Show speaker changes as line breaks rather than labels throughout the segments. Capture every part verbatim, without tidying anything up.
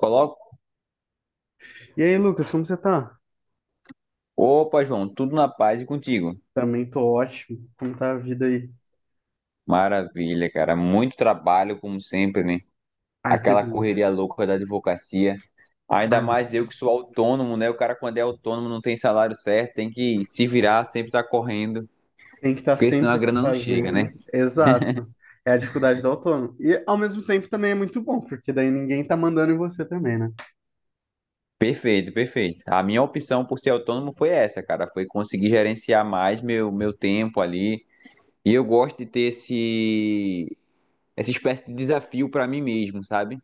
Coloco.
E aí, Lucas, como você tá?
Opa, João, tudo na paz e contigo.
Também tô ótimo. Como tá a vida aí?
Maravilha, cara. Muito trabalho, como sempre, né?
Ai, que
Aquela
bom.
correria louca da advocacia. Ainda
Ai, mas
mais eu que sou autônomo, né? O cara, quando é autônomo, não tem salário certo, tem que se virar, sempre tá correndo,
tem que estar
porque senão a
sempre
grana não chega, né?
fazendo. Exato. É a dificuldade do autônomo. E ao mesmo tempo também é muito bom, porque daí ninguém tá mandando em você também, né?
Perfeito, perfeito. A minha opção por ser autônomo foi essa, cara. Foi conseguir gerenciar mais meu, meu tempo ali. E eu gosto de ter esse, essa espécie de desafio pra mim mesmo, sabe?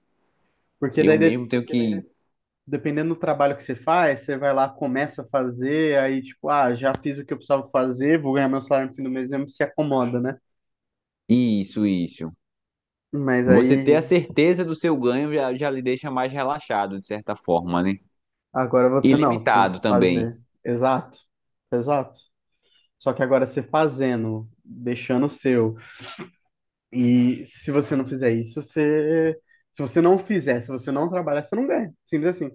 Porque
Eu
daí, de-
mesmo tenho que.
dependendo do trabalho que você faz, você vai lá, começa a fazer, aí tipo, ah, já fiz o que eu precisava fazer, vou ganhar meu salário no fim do mês mesmo, se acomoda, né?
Isso, isso.
Mas
Você
aí,
ter a certeza do seu ganho já, já lhe deixa mais relaxado, de certa forma, né?
agora
E
você não, tem que
limitado também.
fazer. Exato. Exato. Só que agora você fazendo, deixando o seu. E se você não fizer isso, você. Se você não fizer, se você não trabalhar, você não ganha. Simples assim.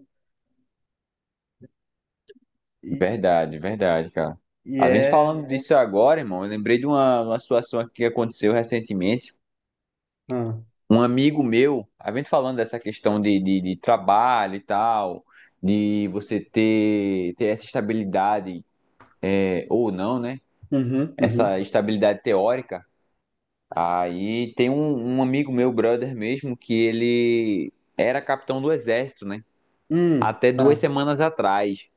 E,
Verdade, verdade, cara.
e
A gente
é.
falando disso agora, irmão, eu lembrei de uma, uma situação aqui que aconteceu recentemente.
Ah.
Um amigo meu, a gente falando dessa questão de, de, de trabalho e tal, de você ter, ter essa estabilidade, é, ou não, né?
Uhum, uhum.
Essa estabilidade teórica. Aí tem um, um amigo meu, brother mesmo, que ele era capitão do exército, né?
Hum,
Até duas
tá.
semanas atrás.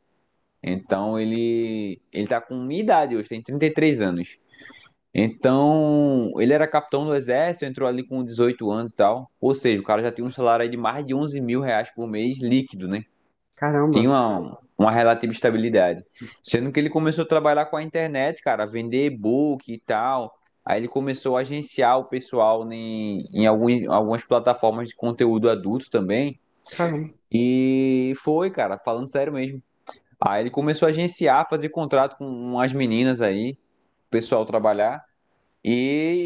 Então ele ele tá com minha idade hoje, tem trinta e três anos. Então, ele era capitão do exército, entrou ali com dezoito anos e tal. Ou seja, o cara já tinha um salário aí de mais de onze mil reais por mês líquido, né? Tinha
Caramba,
uma, uma relativa estabilidade. Sendo que ele começou a trabalhar com a internet, cara, vender e-book e tal. Aí ele começou a agenciar o pessoal em, em alguns, algumas plataformas de conteúdo adulto também.
caramba.
E foi, cara, falando sério mesmo. Aí ele começou a agenciar, fazer contrato com umas meninas aí, o pessoal trabalhar. E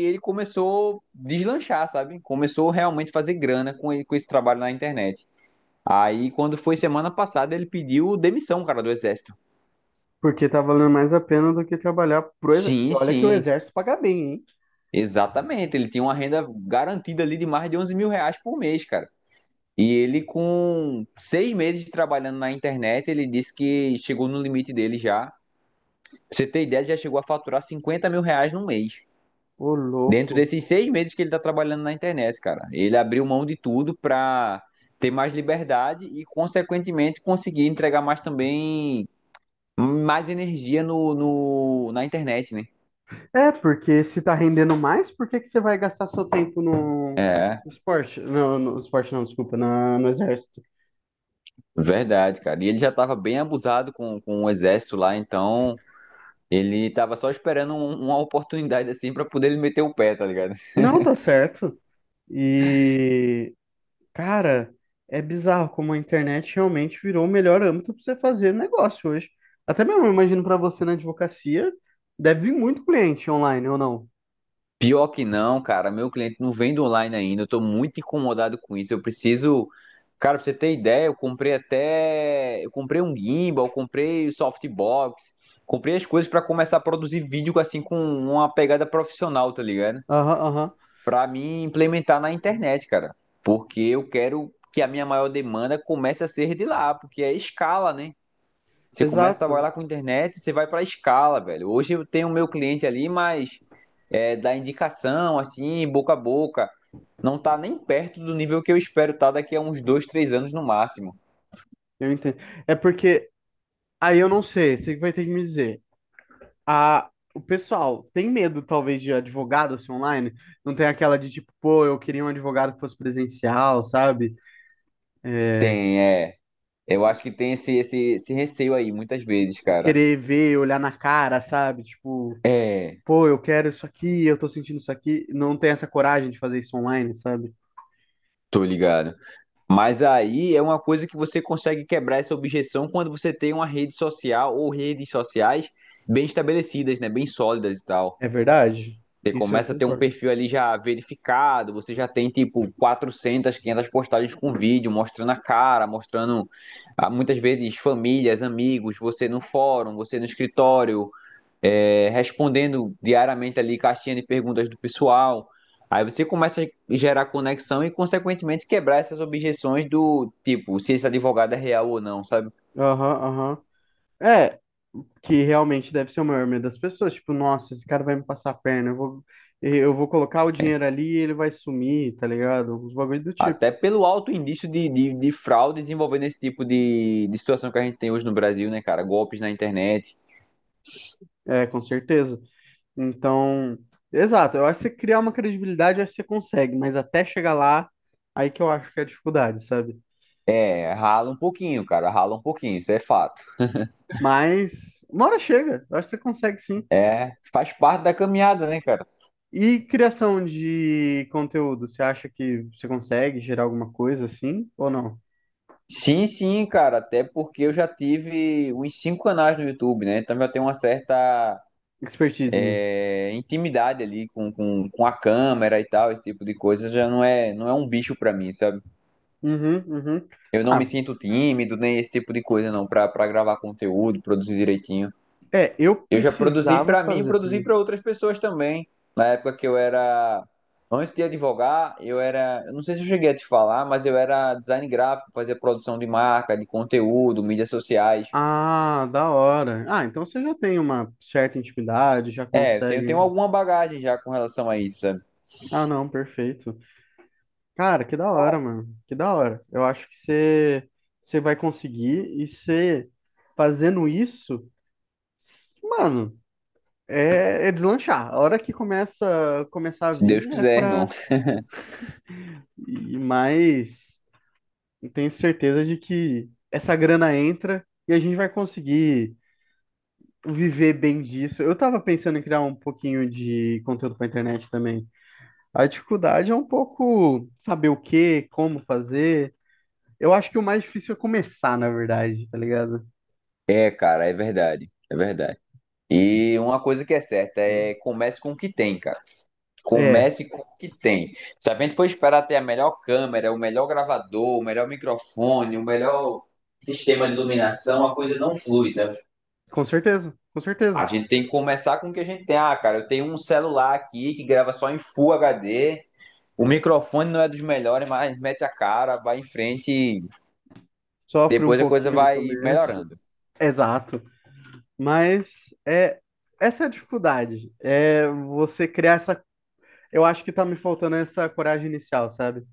ele começou a deslanchar, sabe? Começou realmente a fazer grana com, ele com esse trabalho na internet. Aí, quando foi semana passada, ele pediu demissão, cara, do exército.
Porque tá valendo mais a pena do que trabalhar pro exército.
Sim,
Olha que o
sim,
exército paga bem, hein?
exatamente. Ele tinha uma renda garantida ali de mais de onze mil reais por mês, cara. E ele, com seis meses trabalhando na internet, ele disse que chegou no limite dele já. Pra você ter ideia, ele já chegou a faturar cinquenta mil reais no mês.
Ô,
Dentro
louco.
desses seis meses que ele tá trabalhando na internet, cara. Ele abriu mão de tudo pra ter mais liberdade e, consequentemente, conseguir entregar mais também, mais energia no, no, na internet, né?
É, porque se tá rendendo mais, por que que você vai gastar seu tempo no
É.
no esporte? Não, no esporte não, desculpa, na, no exército.
Verdade, cara. E ele já estava bem abusado com, com o exército lá, então ele estava só esperando um- uma oportunidade assim para poder ele meter o pé, tá ligado?
Não, tá certo. E, cara, é bizarro como a internet realmente virou o melhor âmbito para você fazer negócio hoje. Até mesmo, eu imagino para você na advocacia, deve vir muito cliente online ou não?
Pior que não, cara. Meu cliente não vende online ainda. Eu tô muito incomodado com isso. Eu preciso. Cara, pra você ter ideia, eu comprei até. Eu comprei um gimbal, eu comprei o softbox, comprei as coisas para começar a produzir vídeo assim com uma pegada profissional, tá ligado?
Aham, aham.
Para mim implementar na internet, cara. Porque eu quero que a minha maior demanda comece a ser de lá, porque é escala, né? Você começa a
Exato.
trabalhar com internet, você vai para escala, velho. Hoje eu tenho o meu cliente ali, mas é, da indicação, assim, boca a boca, não tá nem perto do nível que eu espero estar daqui a uns dois, três anos no máximo.
Eu entendo. É porque aí eu não sei, você que vai ter que me dizer. A, o pessoal tem medo, talvez, de advogado ser online? Não tem aquela de tipo, pô, eu queria um advogado que fosse presencial, sabe? É,
Tem, é. Eu acho que tem esse, esse, esse receio aí, muitas vezes, cara.
querer ver, olhar na cara, sabe? Tipo.
É,
Pô, eu quero isso aqui, eu tô sentindo isso aqui, não tem essa coragem de fazer isso online, sabe?
tô ligado. Mas aí é uma coisa que você consegue quebrar essa objeção quando você tem uma rede social ou redes sociais bem estabelecidas, né? Bem sólidas e tal.
É verdade?
Você
Isso eu
começa a ter um
concordo.
perfil ali já verificado, você já tem tipo quatrocentas, quinhentas postagens com vídeo, mostrando a cara, mostrando ah, muitas vezes famílias, amigos, você no fórum, você no escritório, é, respondendo diariamente ali caixinha de perguntas do pessoal. Aí você começa a gerar conexão e, consequentemente, quebrar essas objeções do tipo, se esse advogado é real ou não, sabe?
Aham, aham. É, que realmente deve ser o maior medo das pessoas, tipo, nossa, esse cara vai me passar a perna, eu vou, eu vou colocar o dinheiro ali e ele vai sumir, tá ligado? Uns bagulho do tipo.
Até pelo alto indício de, de, de fraudes envolvendo esse tipo de, de situação que a gente tem hoje no Brasil, né, cara? Golpes na internet.
É, com certeza. Então, exato, eu acho que você criar uma credibilidade, eu acho que você consegue, mas até chegar lá, aí que eu acho que é a dificuldade, sabe?
É, rala um pouquinho, cara, rala um pouquinho, isso é fato.
Mas uma hora chega, eu acho que você consegue sim.
É, faz parte da caminhada, né, cara?
E criação de conteúdo, você acha que você consegue gerar alguma coisa assim ou não?
Sim, sim, cara, até porque eu já tive uns cinco canais no YouTube, né? Então já tem uma certa
Expertise nisso.
é, intimidade ali com, com, com a câmera e tal, esse tipo de coisa, já não é, não é um bicho pra mim, sabe?
Uhum, uhum.
Eu não me
Ah,
sinto tímido, nem esse tipo de coisa, não, pra, pra gravar conteúdo, produzir direitinho.
é, eu
Eu já produzi
precisava
pra mim,
fazer
produzi
também.
pra outras pessoas também. Na época que eu era. Antes de advogar, eu era. Eu não sei se eu cheguei a te falar, mas eu era design gráfico, fazia produção de marca, de conteúdo, mídias sociais.
Ah, da hora. Ah, então você já tem uma certa intimidade, já
É, eu tenho,
consegue.
tenho
um-
alguma bagagem já com relação a isso, sabe?
Ah, não, perfeito. Cara, que da hora, mano. Que da hora. Eu acho que você você vai conseguir e você fazendo isso, s- mano, É, é deslanchar. A hora que começa começar a
Se
vir
Deus
é
quiser, irmão.
para ir mais. Eu Tenho certeza de que essa grana entra e a gente vai conseguir viver bem disso. Eu tava pensando em criar um pouquinho de conteúdo para internet também. A dificuldade é um pouco saber o que, como fazer. Eu acho que o mais difícil é começar, na verdade, tá ligado?
É, cara, é verdade. É verdade. E uma coisa que é certa é comece com o que tem, cara.
É,
Comece com o que tem. Se a gente for esperar ter a melhor câmera, o melhor gravador, o melhor microfone, o melhor sistema de iluminação, a coisa não flui, né?
com certeza, com
A
certeza.
gente tem que começar com o que a gente tem. Ah, cara, eu tenho um celular aqui que grava só em Full H D. O microfone não é dos melhores, mas mete a cara, vai em frente e
Sofre um
depois a coisa
pouquinho no
vai
começo.
melhorando.
Exato. Mas é essa é a dificuldade. É você criar essa. Eu acho que tá me faltando essa coragem inicial, sabe?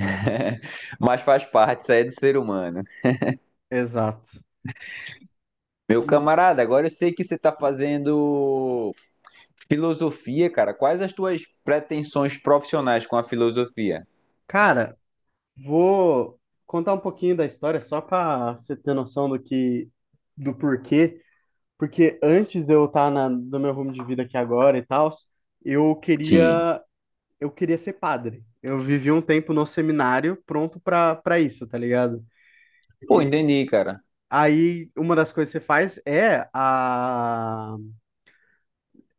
mas faz parte, isso aí é do ser humano.
Exato.
Meu
E,
camarada, agora eu sei que você tá fazendo Filosofia, cara, quais as tuas pretensões profissionais com a filosofia?
cara, vou contar um pouquinho da história só pra você ter noção do que, do porquê. Porque antes de eu estar na, no meu rumo de vida aqui agora e tal, eu
Sim.
queria, eu queria ser padre. Eu vivi um tempo no seminário pronto pra para isso, tá ligado?
Pô,
E
entendi, cara.
aí, uma das coisas que você faz é a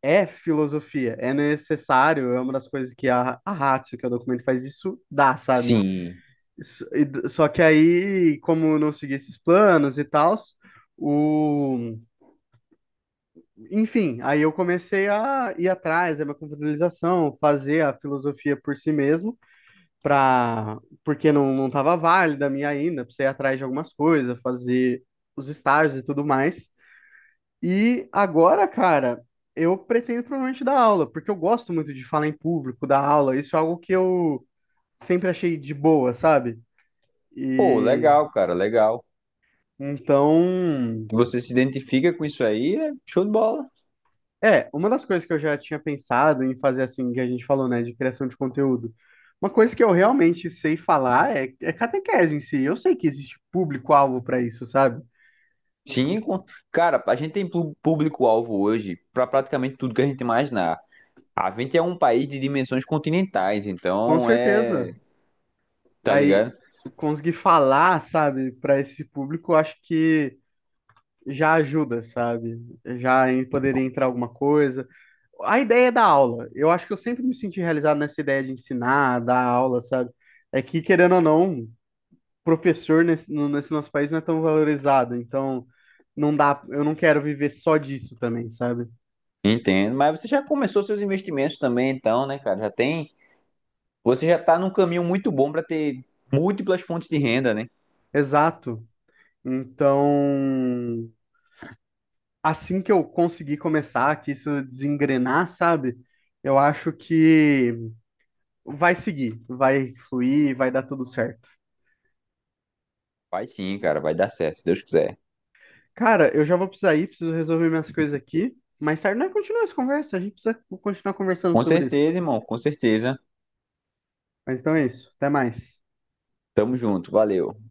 é filosofia, é necessário, é uma das coisas que a, a Ratio, que é o documento, faz isso, dá, sabe?
Sim.
Isso- e Só que aí, como eu não segui esses planos e tal, o... enfim, aí eu comecei a ir atrás da minha computabilização, fazer a filosofia por si mesmo. Pra... porque não, não estava válida a minha ainda, precisei ir atrás de algumas coisas, fazer os estágios e tudo mais. E agora, cara, eu pretendo provavelmente dar aula, porque eu gosto muito de falar em público, dar aula. Isso é algo que eu sempre achei de boa, sabe?
Pô,
E
legal, cara, legal.
então,
Você se identifica com isso aí, é show de bola.
é, uma das coisas que eu já tinha pensado em fazer assim, que a gente falou, né, de criação de conteúdo. Uma coisa que eu realmente sei falar é, é, catequese em si. Eu sei que existe público-alvo para isso, sabe?
Sim, com- cara, a gente tem pu- público-alvo hoje para praticamente tudo que a gente imaginar. A gente é um país de dimensões continentais,
Com
então é,
certeza.
tá
Aí,
ligado?
conseguir falar, sabe, para esse público, eu acho que já ajuda, sabe? Já em- poderia entrar alguma coisa. A ideia da aula, eu acho que eu sempre me senti realizado nessa ideia de ensinar, dar aula, sabe? É que, querendo ou não, professor nesse, no- nesse nosso país não é tão valorizado, então não dá, eu não quero viver só disso também, sabe?
Entendo. Mas você já começou seus investimentos também, então, né, cara? Já tem, você já tá num caminho muito bom para ter múltiplas fontes de renda, né?
Exato. Então, assim que eu conseguir começar, que isso desengrenar, sabe? Eu acho que vai seguir, vai fluir, vai dar tudo certo.
Vai sim, cara, vai dar certo, se Deus quiser.
Cara, eu já vou precisar ir, preciso resolver minhas coisas aqui. Mais tarde nós continuamos essa conversa, a gente precisa continuar conversando
Com
sobre isso.
certeza, irmão, com certeza.
Mas então é isso, até mais.
Tamo junto, valeu.